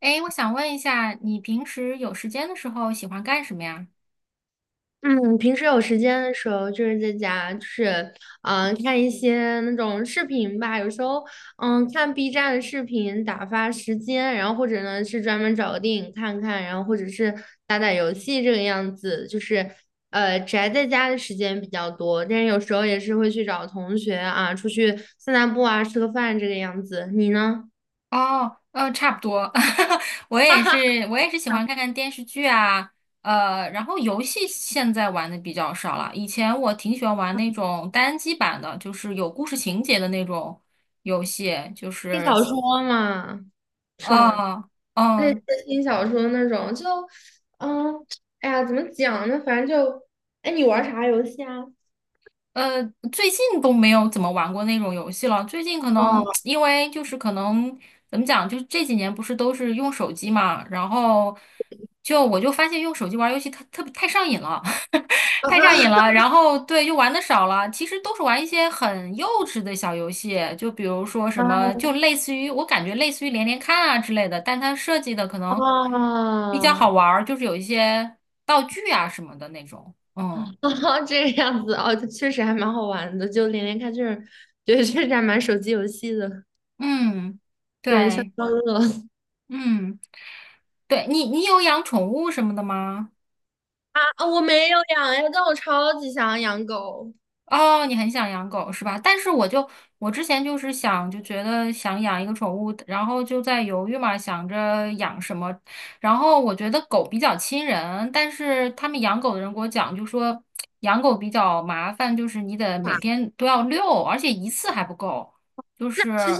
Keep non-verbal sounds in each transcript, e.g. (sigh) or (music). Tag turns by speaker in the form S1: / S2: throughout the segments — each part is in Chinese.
S1: 哎，我想问一下，你平时有时间的时候喜欢干什么呀？
S2: 嗯，平时有时间的时候，就是在家，就是看一些那种视频吧。有时候，看 B 站的视频打发时间，然后或者呢是专门找个电影看看，然后或者是打打游戏这个样子。就是宅在家的时间比较多，但是有时候也是会去找同学啊，出去散散步啊，吃个饭这个样子。你呢？
S1: 哦，差不多，(laughs)
S2: (laughs) 哈哈，
S1: 我也是喜欢看看电视剧啊。然后游戏现在玩的比较少了。以前我挺喜欢玩那种单机版的，就是有故事情节的那种游戏，就
S2: 你
S1: 是。
S2: 少说嘛，是吗？
S1: 哦，
S2: 类似
S1: 嗯，
S2: 轻小说那种，就嗯，哎呀，怎么讲呢？反正就，哎，你玩啥游戏啊？
S1: 呃，最近都没有怎么玩过那种游戏了。最近可能 (tsk)
S2: 哦
S1: 因为就是可能怎么讲，就是这几年不是都是用手机嘛，然后我就发现用手机玩游戏它特别太上瘾了。(laughs) 太上瘾了。然后对，就玩的少了。其实都是玩一些很幼稚的小游戏，就比如说什
S2: 啊
S1: 么，就类似于我感觉类似于连连看啊之类的，但它设计的可能比较好
S2: 啊！
S1: 玩儿，就是有一些道具啊什么的那种。嗯
S2: (laughs) 哦，这个样子哦，确实还蛮好玩的，就连连看这种，对，确实还蛮手机游戏的。
S1: 嗯，
S2: 对，消
S1: 对。
S2: 消乐。 (laughs)
S1: 嗯，对你有养宠物什么的吗？
S2: 啊，啊我没有养呀，但我超级想养狗。
S1: 哦，你很想养狗是吧？但是我之前就是想，就觉得想养一个宠物，然后就在犹豫嘛，想着养什么。然后我觉得狗比较亲人，但是他们养狗的人给我讲，就说养狗比较麻烦，就是你得每
S2: 啊
S1: 天都要遛，而且一次还不够。就
S2: 那
S1: 是
S2: 其实，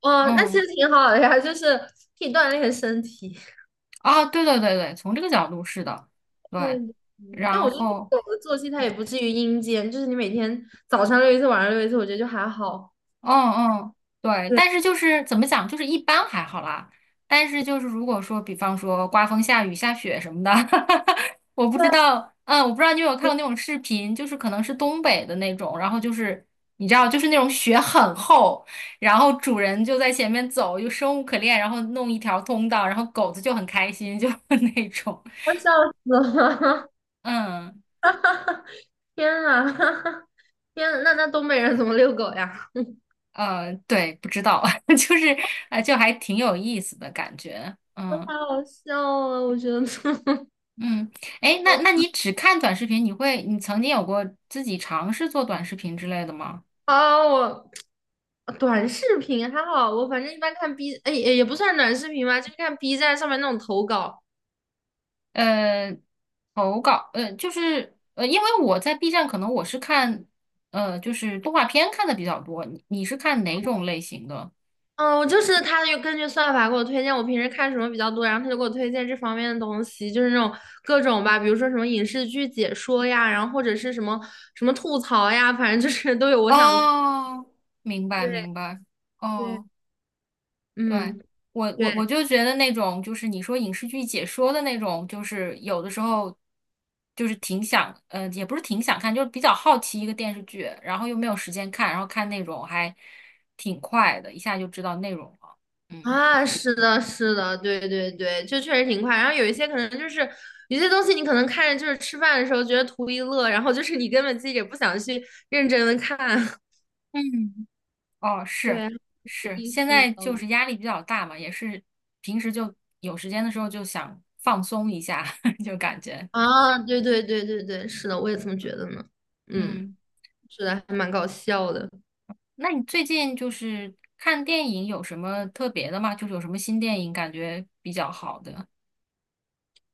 S2: 哦，那其
S1: 嗯，
S2: 实挺好的呀，就是可以锻炼身体。
S1: 啊，对对对对，从这个角度是的，对，
S2: 对的。但
S1: 然
S2: 我觉得
S1: 后。
S2: 狗的作息它也不至于阴间，就是你每天早上遛一次，晚上遛一次，我觉得就还好。
S1: 嗯嗯，对，
S2: 对，
S1: 但是就是怎么讲，就是一般还好啦。但是就是如果说，比方说刮风下雨下雪什么的，(laughs) 我不知
S2: 对
S1: 道，嗯，我不知道你有没有看过那种视频，就是可能是东北的那种，然后就是你知道，就是那种雪很厚，然后主人就在前面走，就生无可恋，然后弄一条通道，然后狗子就很开心，就 (laughs) 那种。
S2: 我笑死了。
S1: 嗯
S2: (laughs) 天啊，(laughs) 天啊，那东北人怎么遛狗呀？
S1: 嗯，对，不知道，(laughs) 就是啊，就还挺有意思的感觉，
S2: (laughs) 我
S1: 嗯。
S2: 太好笑啊！我觉得。(laughs)
S1: 嗯，哎，那你只看短视频，你曾经有过自己尝试做短视频之类的吗？
S2: 啊，我短视频还好，我反正一般看 B，哎也不算短视频吧，就是看 B 站上面那种投稿。
S1: 呃，投稿，就是因为我在 B 站，可能我是看，就是动画片看的比较多。你是看哪种类型的？
S2: 嗯，我就是他就根据算法给我推荐我平时看什么比较多，然后他就给我推荐这方面的东西，就是那种各种吧，比如说什么影视剧解说呀，然后或者是什么什么吐槽呀，反正就是都有我想看。
S1: 哦，明白
S2: 对
S1: 明白，
S2: 对，
S1: 哦。对，
S2: 嗯，
S1: 我我
S2: 对
S1: 我就觉得那种就是你说影视剧解说的那种，就是有的时候就是挺想，也不是挺想看，就是比较好奇一个电视剧，然后又没有时间看，然后看那种还挺快的，一下就知道内容了。嗯
S2: 啊，是的，是的，对对对，就确实挺快。然后有一些可能就是有些东西你可能看着就是吃饭的时候觉得图一乐，然后就是你根本自己也不想去认真的看。
S1: 嗯，哦，
S2: (laughs)
S1: 是
S2: 对，挺有
S1: 是，
S2: 意
S1: 现
S2: 思
S1: 在就
S2: 的。
S1: 是压力比较大嘛，也是平时就有时间的时候就想放松一下，(laughs) 就感觉
S2: 啊，对对对对对，是的，我也这么觉得呢。嗯，
S1: 嗯。
S2: 是的，还蛮搞笑的。
S1: 那你最近就是看电影有什么特别的吗？就是有什么新电影感觉比较好的？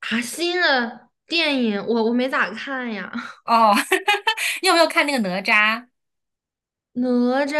S2: 啊，新的电影我没咋看呀。(laughs)
S1: 哦，(laughs) 你有没有看那个哪吒？
S2: 《哪吒》？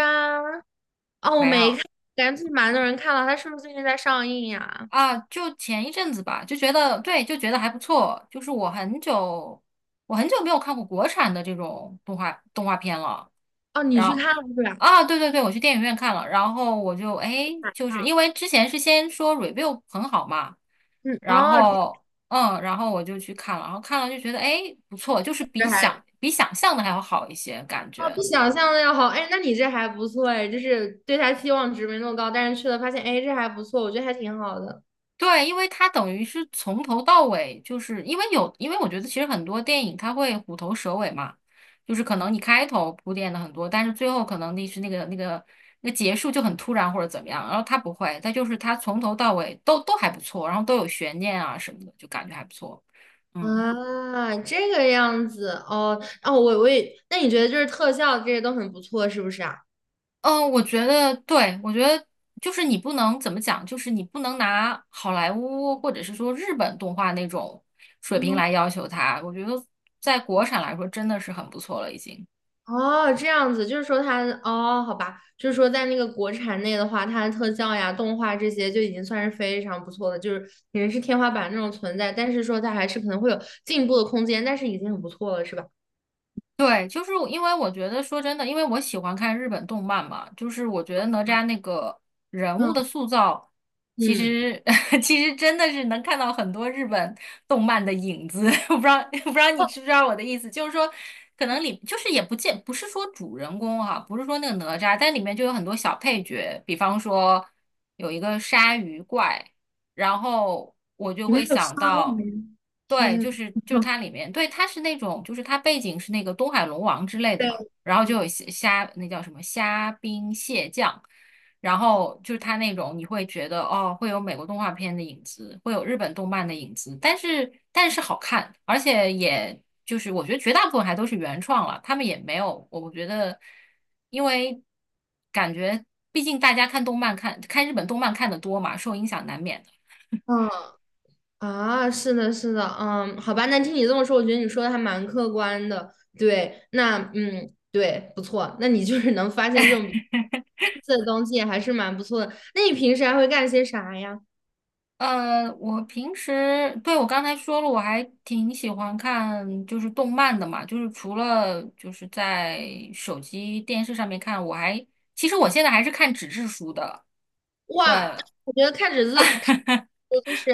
S2: 哦，我
S1: 没
S2: 没
S1: 有。
S2: 看，感觉最近蛮多人看了，他是不是最近在上映呀？
S1: 啊，就前一阵子吧，就觉得对，就觉得还不错。我很久没有看过国产的这种动画片了。
S2: 哦，你
S1: 然
S2: 去
S1: 后
S2: 看了是吧？
S1: 啊，对对对，我去电影院看了，然后我就哎，
S2: 晚
S1: 就是
S2: 上。
S1: 因为之前是先说 review 很好嘛，
S2: 嗯，
S1: 然
S2: 哦，这
S1: 后然后我就去看了，然后看了就觉得哎不错，就是
S2: 这
S1: 比
S2: 还
S1: 想比想象的还要好一些感
S2: 哦
S1: 觉。
S2: 比想象的要好。哎，那你这还不错哎，就是对他期望值没那么高，但是去了发现，哎，这还不错，我觉得还挺好的。
S1: 对，因为它等于是从头到尾，就是因为我觉得其实很多电影它会虎头蛇尾嘛，就是可能你开头铺垫的很多，但是最后可能那个那结束就很突然或者怎么样，然后它不会，它就是它从头到尾都还不错，然后都有悬念啊什么的，就感觉还不错。嗯。
S2: 啊，这个样子哦哦，我也，那你觉得就是特效这些都很不错，是不是啊？
S1: 嗯，我觉得对，我觉得就是你不能怎么讲，就是你不能拿好莱坞或者是说日本动画那种水平
S2: 哦
S1: 来要求它。我觉得在国产来说，真的是很不错了，已经。
S2: 哦，这样子，就是说它哦，好吧，就是说在那个国产内的话，它的特效呀、动画这些就已经算是非常不错的，就是已经是天花板那种存在，但是说它还是可能会有进步的空间，但是已经很不错了，是吧？
S1: 对，就是因为我觉得说真的，因为我喜欢看日本动漫嘛，就是我觉得哪吒那个人物
S2: 嗯
S1: 的塑造，其
S2: 嗯，
S1: 实 (laughs) 其实真的是能看到很多日本动漫的影子。(laughs) 我不知道，(laughs) 不知道你知不知道我的意思，就是说，可能里就是也不见不是说主人公哈、不是说那个哪吒，但里面就有很多小配角，比方说有一个鲨鱼怪。然后我就
S2: 里面
S1: 会
S2: 还有鲨
S1: 想到，
S2: 鱼，
S1: 对，就
S2: 天。
S1: 是就是
S2: (laughs)
S1: 它里面，对，它是那种，就是它背景是那个东海龙王之类的嘛，
S2: 对。
S1: 然后就有那叫什么虾兵蟹将，然后就是它那种你会觉得哦，会有美国动画片的影子，会有日本动漫的影子，但是好看，而且也就是我觉得绝大部分还都是原创了，他们也没有，我觉得因为感觉毕竟大家看动漫看看日本动漫看的多嘛，受影响难免的。
S2: 啊，是的，是的，嗯，好吧，那听你这么说，我觉得你说的还蛮客观的。对，那对，不错，那你就是能发现这种特色的东西，还是蛮不错的。那你平时还会干些啥呀？
S1: 我平时，对，我刚才说了，我还挺喜欢看就是动漫的嘛，就是除了就是在手机电视上面看，其实我现在还是看纸质书的，
S2: 哇，
S1: 对。
S2: 我觉得看纸质，看
S1: (laughs)
S2: 着就是，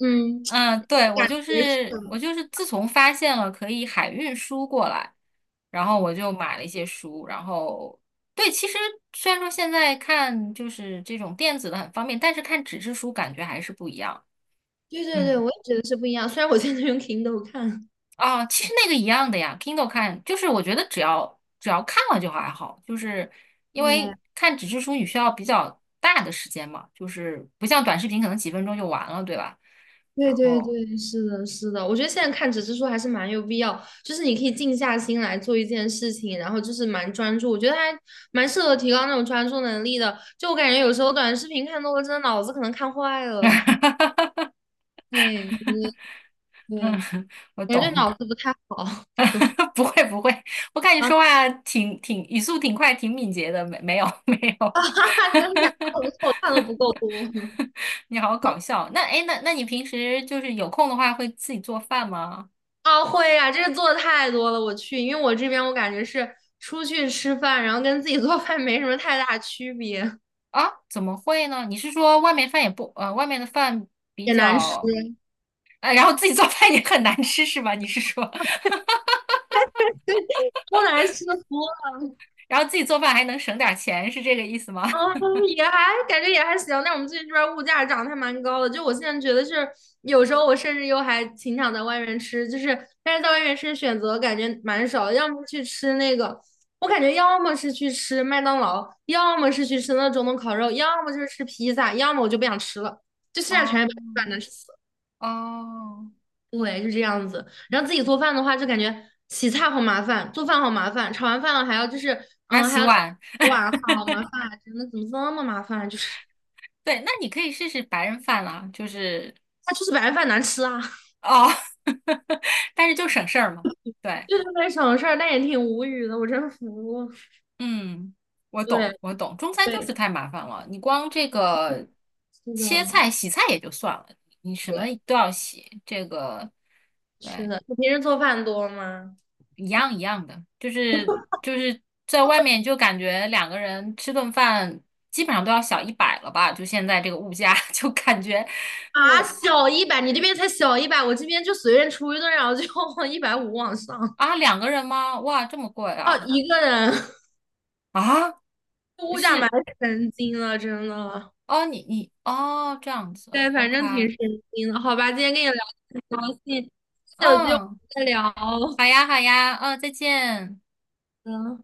S2: 嗯，(tsk)
S1: 嗯，
S2: 我
S1: 对，我
S2: 感
S1: 就
S2: 觉是。
S1: 是我就是自从发现了可以海运书过来，然后我就买了一些书，然后对，其实虽然说现在看就是这种电子的很方便，但是看纸质书感觉还是不一样。
S2: 对对对，
S1: 嗯。
S2: 我也觉得是不一样。虽然我现在用 Kindle 看，
S1: 啊，其实那个一样的呀，Kindle 看就是我觉得只要看了就还好，就是因为
S2: 对。
S1: 看纸质书你需要比较大的时间嘛，就是不像短视频可能几分钟就完了，对吧？
S2: 对
S1: 然
S2: 对
S1: 后，
S2: 对，是的，是的，我觉得现在看纸质书还是蛮有必要，就是你可以静下心来做一件事情，然后就是蛮专注，我觉得还蛮适合提高那种专注能力的。就我感觉有时候短视频看多了，真的脑子可能看坏了。(laughs)
S1: (laughs)
S2: 对对对，
S1: 嗯，我
S2: 感觉对
S1: 懂，
S2: 脑子不太好。(laughs)
S1: (laughs) 不会不会，我看你
S2: 啊，
S1: 说话挺语速挺快，挺敏捷的，没有 (laughs) 没有，
S2: (laughs) 真的假的？我错我
S1: (laughs)
S2: 看的不够多。(laughs)
S1: 你好搞笑。那哎，诶那你平时就是有空的话会自己做饭吗？
S2: 啊，会啊，这个做的太多了，我去，因为我这边我感觉是出去吃饭，然后跟自己做饭没什么太大区别，
S1: 啊，怎么会呢？你是说外面饭也不，外面的饭比
S2: 也难吃。
S1: 较，然后自己做饭也很难吃是吧？你是说，(laughs)
S2: (laughs) 都难吃哭
S1: 然后自己做饭还能省点儿钱，是这个意思吗？
S2: 哦，
S1: (laughs)
S2: 也还感觉也还行，但我们最近这边儿物价涨的还蛮高的。就我现在觉得是，有时候我甚至又还挺想在外面吃，就是但是在外面吃选择感觉蛮少的要么去吃那个，我感觉要么是去吃麦当劳，要么是去吃那种东烤肉，要么就是吃披萨，要么我就不想吃了，就现在全
S1: 哦
S2: 是把难吃死了。
S1: 哦，
S2: 对，就这样子。然后自己做饭的话，就感觉洗菜好麻烦，做饭好麻烦，炒完饭了还要就是，
S1: 还要
S2: 嗯，还
S1: 洗
S2: 要洗
S1: 碗，
S2: 碗，好麻烦，真的怎么这么麻烦，就是。
S1: 对，那你可以试试白人饭啦，就是
S2: 他就是白饭难吃啊。(laughs)
S1: 哦，(laughs) 但是就省事儿嘛。对，
S2: 就这么省小事儿，但也挺无语的，我真服。
S1: 嗯，我懂，
S2: 对
S1: 我懂，中餐就
S2: 对，
S1: 是太麻烦了，你光这个
S2: 是的，
S1: 切菜、洗菜也就算了，你什么
S2: 对，
S1: 都要洗，这个
S2: 是
S1: 对。
S2: 的。你平时做饭多吗？
S1: 一样一样的，就是在外面就感觉两个人吃顿饭基本上都要小100了吧，就现在这个物价，(laughs) 就感觉
S2: 啊，
S1: 我
S2: 小一百，你这边才小一百，我这边就随便出一顿，然后就 (laughs) 150往上。
S1: 啊两个人吗？哇，这么贵
S2: 哦，
S1: 啊
S2: 一个人。(laughs)
S1: 啊
S2: 物价蛮
S1: 是
S2: 神经了，真的。
S1: 哦你哦这样子
S2: 对，反
S1: ，OK,
S2: 正挺神经的。好吧，今天跟你聊得很高兴，下次有机会我
S1: 嗯，
S2: 们再聊。
S1: 好呀好呀，嗯，再见。
S2: 嗯。